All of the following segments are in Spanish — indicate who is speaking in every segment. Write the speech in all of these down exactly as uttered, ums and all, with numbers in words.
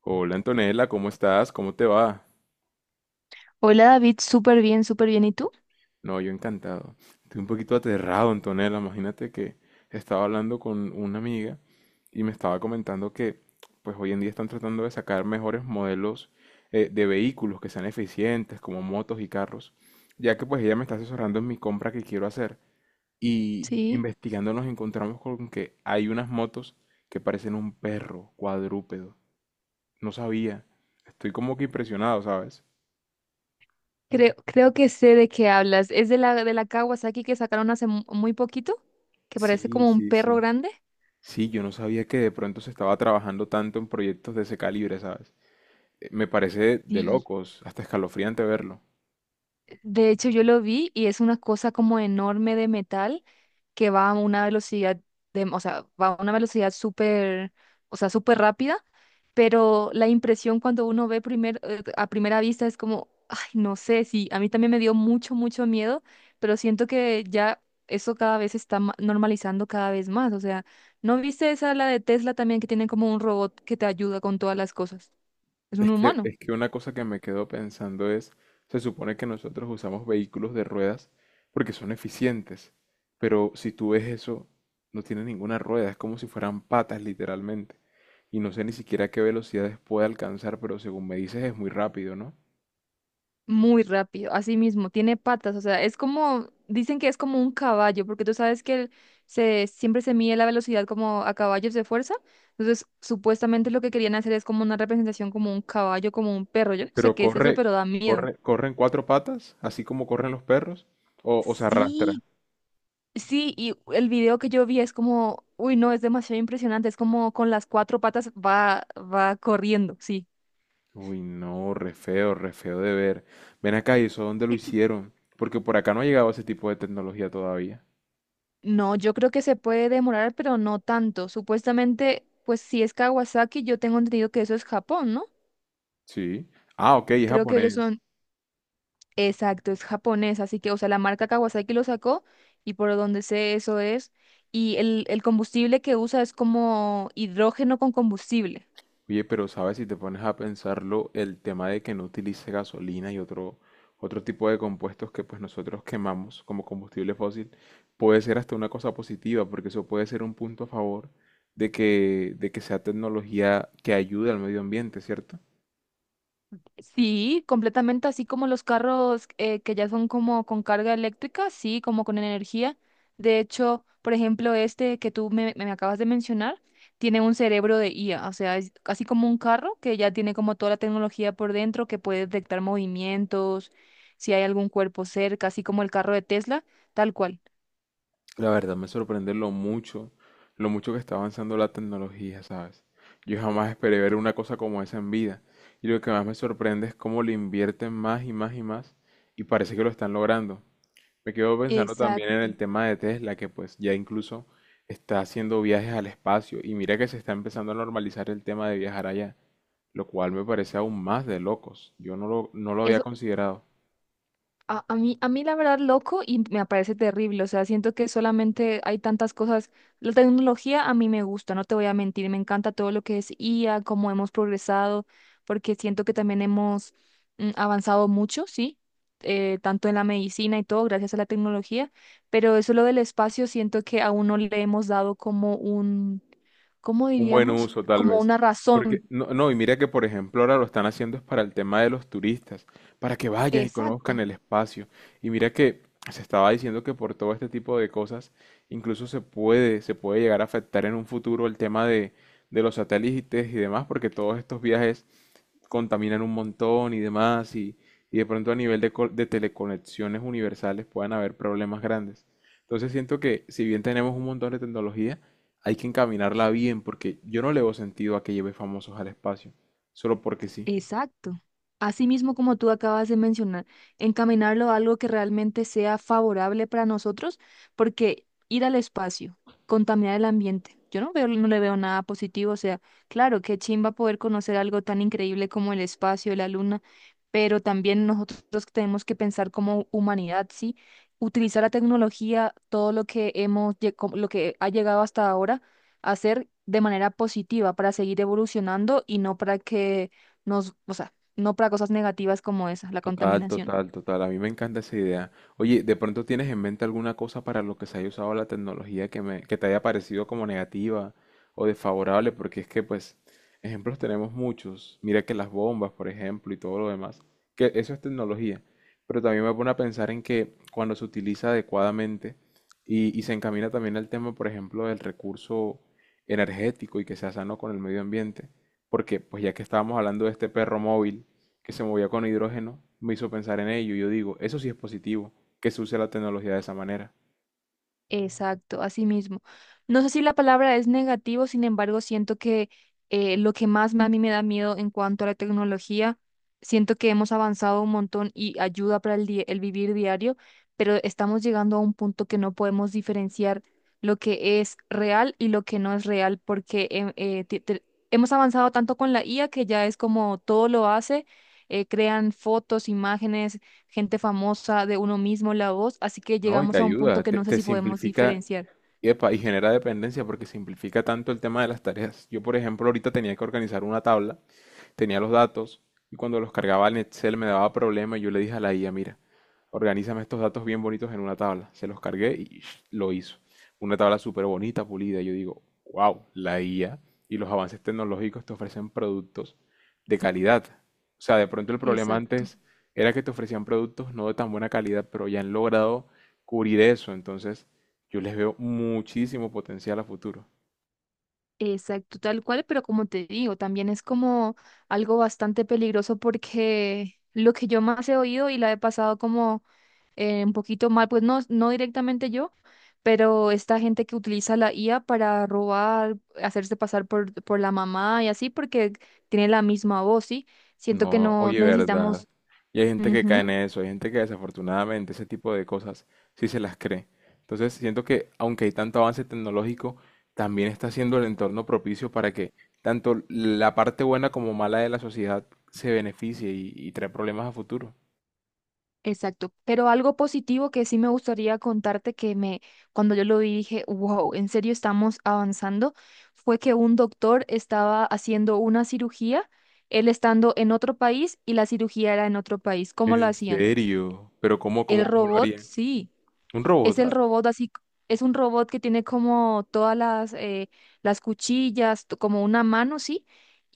Speaker 1: Hola Antonella, ¿cómo estás? ¿Cómo te va?
Speaker 2: Hola David, súper bien, súper bien. ¿Y tú?
Speaker 1: No, yo encantado. Estoy un poquito aterrado, Antonella. Imagínate que estaba hablando con una amiga y me estaba comentando que pues hoy en día están tratando de sacar mejores modelos eh, de vehículos que sean eficientes, como motos y carros, ya que pues ella me está asesorando en mi compra que quiero hacer, y
Speaker 2: Sí,
Speaker 1: investigando nos encontramos con que hay unas motos que parecen un perro cuadrúpedo. No sabía. Estoy como que impresionado, ¿sabes?
Speaker 2: creo, creo que sé de qué hablas. ¿Es de la de la Kawasaki que sacaron hace mu- muy poquito? Que parece
Speaker 1: Sí,
Speaker 2: como un
Speaker 1: sí,
Speaker 2: perro
Speaker 1: sí.
Speaker 2: grande.
Speaker 1: Sí, yo no sabía que de pronto se estaba trabajando tanto en proyectos de ese calibre, ¿sabes? Eh, Me parece de
Speaker 2: Sí.
Speaker 1: locos, hasta escalofriante verlo.
Speaker 2: De hecho, yo lo vi y es una cosa como enorme de metal que va a una velocidad de, o sea, va a una velocidad súper, o sea, súper rápida, pero la impresión cuando uno ve primer, eh, a primera vista es como, ay, no sé, sí, a mí también me dio mucho, mucho miedo, pero siento que ya eso cada vez se está ma- normalizando cada vez más, o sea, ¿no viste esa la de Tesla también que tienen como un robot que te ayuda con todas las cosas? Es un
Speaker 1: Es que,
Speaker 2: humano.
Speaker 1: es que una cosa que me quedo pensando es, se supone que nosotros usamos vehículos de ruedas porque son eficientes, pero si tú ves eso, no tiene ninguna rueda, es como si fueran patas literalmente. Y no sé ni siquiera qué velocidades puede alcanzar, pero según me dices es muy rápido, ¿no?
Speaker 2: Muy rápido, así mismo, tiene patas, o sea, es como, dicen que es como un caballo, porque tú sabes que el- se, siempre se mide la velocidad como a caballos de fuerza, entonces supuestamente lo que querían hacer es como una representación como un caballo, como un perro, yo no sé
Speaker 1: Pero
Speaker 2: qué es eso,
Speaker 1: corre,
Speaker 2: pero da miedo.
Speaker 1: corre, corre en cuatro patas, así como corren los perros, o, o se arrastra.
Speaker 2: Sí, sí, y el video que yo vi es como, uy, no, es demasiado impresionante, es como con las cuatro patas va, va corriendo, sí.
Speaker 1: Uy, no, re feo, re feo de ver. Ven acá, ¿y eso dónde lo hicieron? Porque por acá no ha llegado ese tipo de tecnología todavía.
Speaker 2: No, yo creo que se puede demorar, pero no tanto. Supuestamente, pues si es Kawasaki, yo tengo entendido que eso es Japón, ¿no?
Speaker 1: Sí. Ah, ok, es
Speaker 2: Creo que ellos
Speaker 1: japonés.
Speaker 2: son, exacto, es japonés, así que, o sea, la marca Kawasaki lo sacó y por donde sé eso es. Y el, el combustible que usa es como hidrógeno con combustible.
Speaker 1: Oye, pero sabes, si te pones a pensarlo, el tema de que no utilice gasolina y otro, otro tipo de compuestos que pues nosotros quemamos como combustible fósil, puede ser hasta una cosa positiva, porque eso puede ser un punto a favor de que, de que sea tecnología que ayude al medio ambiente, ¿cierto?
Speaker 2: Sí, completamente así como los carros eh, que ya son como con carga eléctrica, sí, como con energía. De hecho, por ejemplo, este que tú me, me acabas de mencionar, tiene un cerebro de I A, o sea, es así como un carro que ya tiene como toda la tecnología por dentro, que puede detectar movimientos, si hay algún cuerpo cerca, así como el carro de Tesla, tal cual.
Speaker 1: La verdad me sorprende lo mucho, lo mucho que está avanzando la tecnología, ¿sabes? Yo jamás esperé ver una cosa como esa en vida. Y lo que más me sorprende es cómo le invierten más y más y más, y parece que lo están logrando. Me quedo pensando también en
Speaker 2: Exacto.
Speaker 1: el tema de Tesla, que pues ya incluso está haciendo viajes al espacio, y mira que se está empezando a normalizar el tema de viajar allá, lo cual me parece aún más de locos. Yo no lo, no lo había considerado.
Speaker 2: A, a mí, a mí la verdad loco y me parece terrible, o sea, siento que solamente hay tantas cosas, la tecnología a mí me gusta, no te voy a mentir, me encanta todo lo que es I A, cómo hemos progresado, porque siento que también hemos mm, avanzado mucho, ¿sí? Eh, tanto en la medicina y todo, gracias a la tecnología, pero eso lo del espacio, siento que aún no le hemos dado como un, ¿cómo
Speaker 1: Un buen
Speaker 2: diríamos?
Speaker 1: uso, tal
Speaker 2: Como
Speaker 1: vez.
Speaker 2: una razón,
Speaker 1: Porque, no, no, y mira que, por ejemplo, ahora lo están haciendo es para el tema de los turistas, para que vayan y conozcan
Speaker 2: exacto.
Speaker 1: el espacio. Y mira que se estaba diciendo que por todo este tipo de cosas, incluso se puede, se puede llegar a afectar en un futuro el tema de, de los satélites y demás, porque todos estos viajes contaminan un montón y demás, y, y de pronto a nivel de, co- de teleconexiones universales puedan haber problemas grandes. Entonces siento que si bien tenemos un montón de tecnología, hay que encaminarla bien porque yo no le veo sentido a que lleve famosos al espacio, solo porque sí.
Speaker 2: Exacto. Así mismo como tú acabas de mencionar, encaminarlo a algo que realmente sea favorable para nosotros, porque ir al espacio, contaminar el ambiente, yo no veo, no le veo nada positivo, o sea, claro, qué chimba poder conocer algo tan increíble como el espacio, la luna, pero también nosotros tenemos que pensar como humanidad, ¿sí? Utilizar la tecnología, todo lo que hemos, lle- como lo que ha llegado hasta ahora, hacer de manera positiva para seguir evolucionando y no para que nos, o sea, no para cosas negativas como esa, la
Speaker 1: Total,
Speaker 2: contaminación.
Speaker 1: total, total. A mí me encanta esa idea. Oye, ¿de pronto tienes en mente alguna cosa para lo que se haya usado la tecnología que me, que te haya parecido como negativa o desfavorable? Porque es que, pues, ejemplos tenemos muchos. Mira que las bombas, por ejemplo, y todo lo demás, que eso es tecnología. Pero también me pone a pensar en que cuando se utiliza adecuadamente y, y se encamina también al tema, por ejemplo, del recurso energético y que sea sano con el medio ambiente. Porque, pues, ya que estábamos hablando de este perro móvil que se movía con hidrógeno, me hizo pensar en ello. Y yo digo, eso sí es positivo, que se use la tecnología de esa manera.
Speaker 2: Exacto, así mismo. No sé si la palabra es negativo, sin embargo, siento que eh, lo que más me- a mí me da miedo en cuanto a la tecnología, siento que hemos avanzado un montón y ayuda para el, di- el vivir diario, pero estamos llegando a un punto que no podemos diferenciar lo que es real y lo que no es real, porque em- eh, te- te- hemos avanzado tanto con la I A que ya es como todo lo hace, eh, crean fotos, imágenes gente famosa, de uno mismo la voz, así que
Speaker 1: No, y te
Speaker 2: llegamos a un punto
Speaker 1: ayuda,
Speaker 2: que
Speaker 1: te,
Speaker 2: no sé
Speaker 1: te
Speaker 2: si podemos
Speaker 1: simplifica,
Speaker 2: diferenciar.
Speaker 1: epa, y genera dependencia porque simplifica tanto el tema de las tareas. Yo, por ejemplo, ahorita tenía que organizar una tabla, tenía los datos y cuando los cargaba en Excel me daba problema y yo le dije a la I A, mira, organízame estos datos bien bonitos en una tabla. Se los cargué y sh, lo hizo. Una tabla súper bonita, pulida. Yo digo, wow, la I A y los avances tecnológicos te ofrecen productos de calidad. O sea, de pronto el problema
Speaker 2: Exacto.
Speaker 1: antes era que te ofrecían productos no de tan buena calidad, pero ya han logrado cubrir eso. Entonces, yo les veo muchísimo potencial a futuro.
Speaker 2: Exacto, tal cual, pero como te digo, también es como algo bastante peligroso porque lo que yo más he oído y la he pasado como eh, un poquito mal, pues no, no directamente yo, pero esta gente que utiliza la I A para robar, hacerse pasar por, por la mamá y así, porque tiene la misma voz, ¿sí? Siento que
Speaker 1: No,
Speaker 2: no
Speaker 1: oye, verdad.
Speaker 2: necesitamos...
Speaker 1: Y hay gente que cae
Speaker 2: Ujú.
Speaker 1: en eso, hay gente que desafortunadamente ese tipo de cosas sí se las cree. Entonces, siento que aunque hay tanto avance tecnológico, también está siendo el entorno propicio para que tanto la parte buena como mala de la sociedad se beneficie, y, y trae problemas a futuro.
Speaker 2: Exacto, pero algo positivo que sí me gustaría contarte que me, cuando yo lo vi dije, wow, en serio estamos avanzando, fue que un doctor estaba haciendo una cirugía, él estando en otro país y la cirugía era en otro país. ¿Cómo lo
Speaker 1: ¿En
Speaker 2: hacían?
Speaker 1: serio? ¿Pero cómo,
Speaker 2: El
Speaker 1: cómo, cómo lo
Speaker 2: robot,
Speaker 1: haría?
Speaker 2: sí,
Speaker 1: ¿Un
Speaker 2: es el
Speaker 1: robot?
Speaker 2: robot así, c- es un robot que tiene como todas las, eh, las cuchillas, t- como una mano, sí,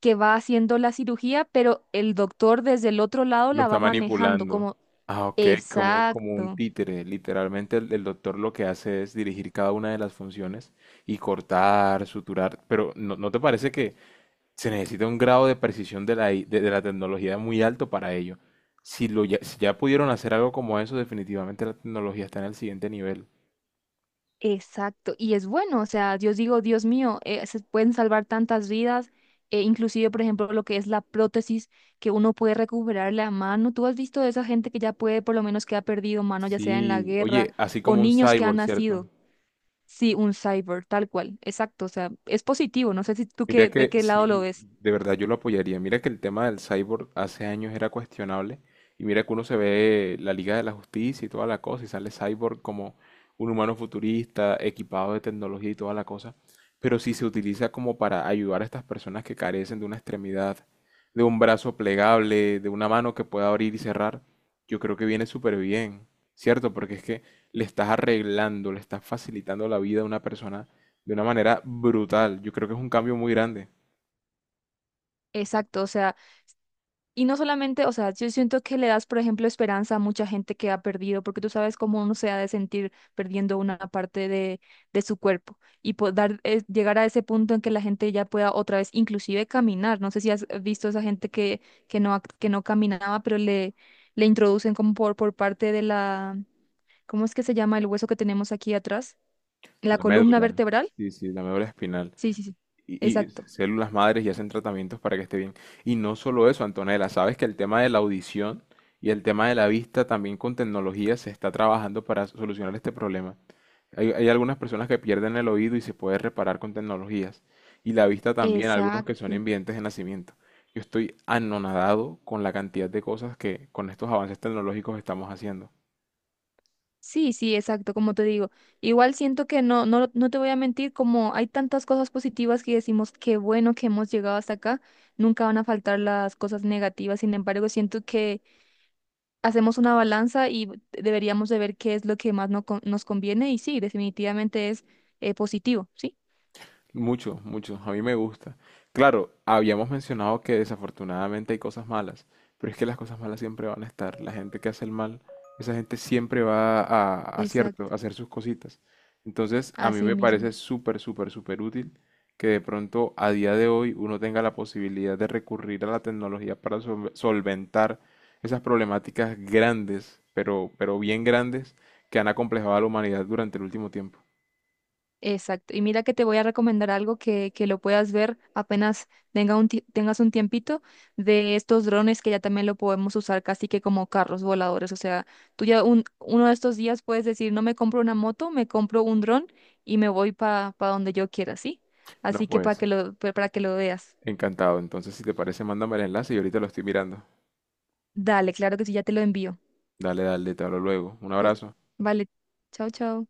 Speaker 2: que va haciendo la cirugía, pero el doctor desde el otro lado
Speaker 1: Lo
Speaker 2: la va
Speaker 1: está
Speaker 2: manejando,
Speaker 1: manipulando.
Speaker 2: como,
Speaker 1: Ah, ok, como, como un
Speaker 2: exacto.
Speaker 1: títere. Literalmente el, el doctor lo que hace es dirigir cada una de las funciones y cortar, suturar. Pero ¿no, no te parece que se necesita un grado de precisión de la, I- de, de la tecnología muy alto para ello? Si, lo ya, si ya pudieron hacer algo como eso, definitivamente la tecnología está en el siguiente nivel.
Speaker 2: Exacto, y es bueno, o sea, yo digo, Dios mío, eh, se pueden salvar tantas vidas, eh, inclusive, por ejemplo, lo que es la prótesis, que uno puede recuperar la mano. ¿Tú has visto de esa gente que ya puede, por lo menos que ha perdido mano, ya sea en la
Speaker 1: Sí,
Speaker 2: guerra,
Speaker 1: oye, así
Speaker 2: o
Speaker 1: como un
Speaker 2: niños que han
Speaker 1: cyborg, ¿cierto?
Speaker 2: nacido? Sí, un cyber, tal cual, exacto, o sea, es positivo, no sé si tú
Speaker 1: Mira
Speaker 2: qué, de
Speaker 1: que
Speaker 2: qué lado lo
Speaker 1: sí,
Speaker 2: ves.
Speaker 1: de verdad yo lo apoyaría. Mira que el tema del cyborg hace años era cuestionable, y mira que uno se ve la Liga de la Justicia y toda la cosa y sale cyborg como un humano futurista, equipado de tecnología y toda la cosa, pero si se utiliza como para ayudar a estas personas que carecen de una extremidad, de un brazo plegable, de una mano que pueda abrir y cerrar, yo creo que viene súper bien, ¿cierto? Porque es que le estás arreglando, le estás facilitando la vida a una persona de una manera brutal. Yo creo que es un cambio muy grande.
Speaker 2: Exacto, o sea, y no solamente, o sea, yo siento que le das, por ejemplo, esperanza a mucha gente que ha perdido, porque tú sabes cómo uno se ha de sentir perdiendo una parte de, de su cuerpo y poder llegar a ese punto en que la gente ya pueda otra vez inclusive caminar. No sé si has visto esa gente que, que no, ac- que no caminaba, pero le, le introducen como por, por parte de la, ¿cómo es que se llama el hueso que tenemos aquí atrás? La
Speaker 1: La
Speaker 2: columna
Speaker 1: médula,
Speaker 2: vertebral.
Speaker 1: sí, sí, la médula espinal.
Speaker 2: Sí, sí, sí.
Speaker 1: Y, y
Speaker 2: Exacto.
Speaker 1: células madres y hacen tratamientos para que esté bien. Y no solo eso, Antonella, sabes que el tema de la audición y el tema de la vista también con tecnología se está trabajando para solucionar este problema. Hay, hay algunas personas que pierden el oído y se puede reparar con tecnologías. Y la vista también, algunos que son
Speaker 2: Exacto.
Speaker 1: invidentes de nacimiento. Yo estoy anonadado con la cantidad de cosas que con estos avances tecnológicos estamos haciendo.
Speaker 2: Sí, sí, exacto, como te digo. Igual siento que no, no, no te voy a mentir, como hay tantas cosas positivas que decimos, qué bueno que hemos llegado hasta acá, nunca van a faltar las cosas negativas. Sin embargo, siento que hacemos una balanza y deberíamos de ver qué es lo que más no con- nos conviene y sí, definitivamente es eh, positivo, ¿sí?
Speaker 1: Mucho, mucho. A mí me gusta. Claro, habíamos mencionado que desafortunadamente hay cosas malas, pero es que las cosas malas siempre van a estar. La gente que hace el mal, esa gente siempre va a, a cierto,
Speaker 2: Exacto,
Speaker 1: a hacer sus cositas. Entonces, a mí
Speaker 2: así
Speaker 1: me
Speaker 2: mismo.
Speaker 1: parece súper, súper, súper útil que de pronto a día de hoy uno tenga la posibilidad de recurrir a la tecnología para sol- solventar esas problemáticas grandes, pero, pero bien grandes, que han acomplejado a la humanidad durante el último tiempo.
Speaker 2: Exacto. Y mira que te voy a recomendar algo que, que lo puedas ver apenas tenga un ti- tengas un tiempito de estos drones que ya también lo podemos usar casi que como carros voladores. O sea, tú ya un, uno de estos días puedes decir, no me compro una moto, me compro un dron y me voy para donde yo quiera, ¿sí?
Speaker 1: No,
Speaker 2: Así que
Speaker 1: puede
Speaker 2: para que lo, pa- para que lo veas.
Speaker 1: Encantado. Entonces, si te parece, mándame el enlace y ahorita lo estoy mirando.
Speaker 2: Dale, claro que sí, ya te lo envío.
Speaker 1: Dale, dale, te hablo luego. Un
Speaker 2: Que
Speaker 1: abrazo.
Speaker 2: vale, chao, chao.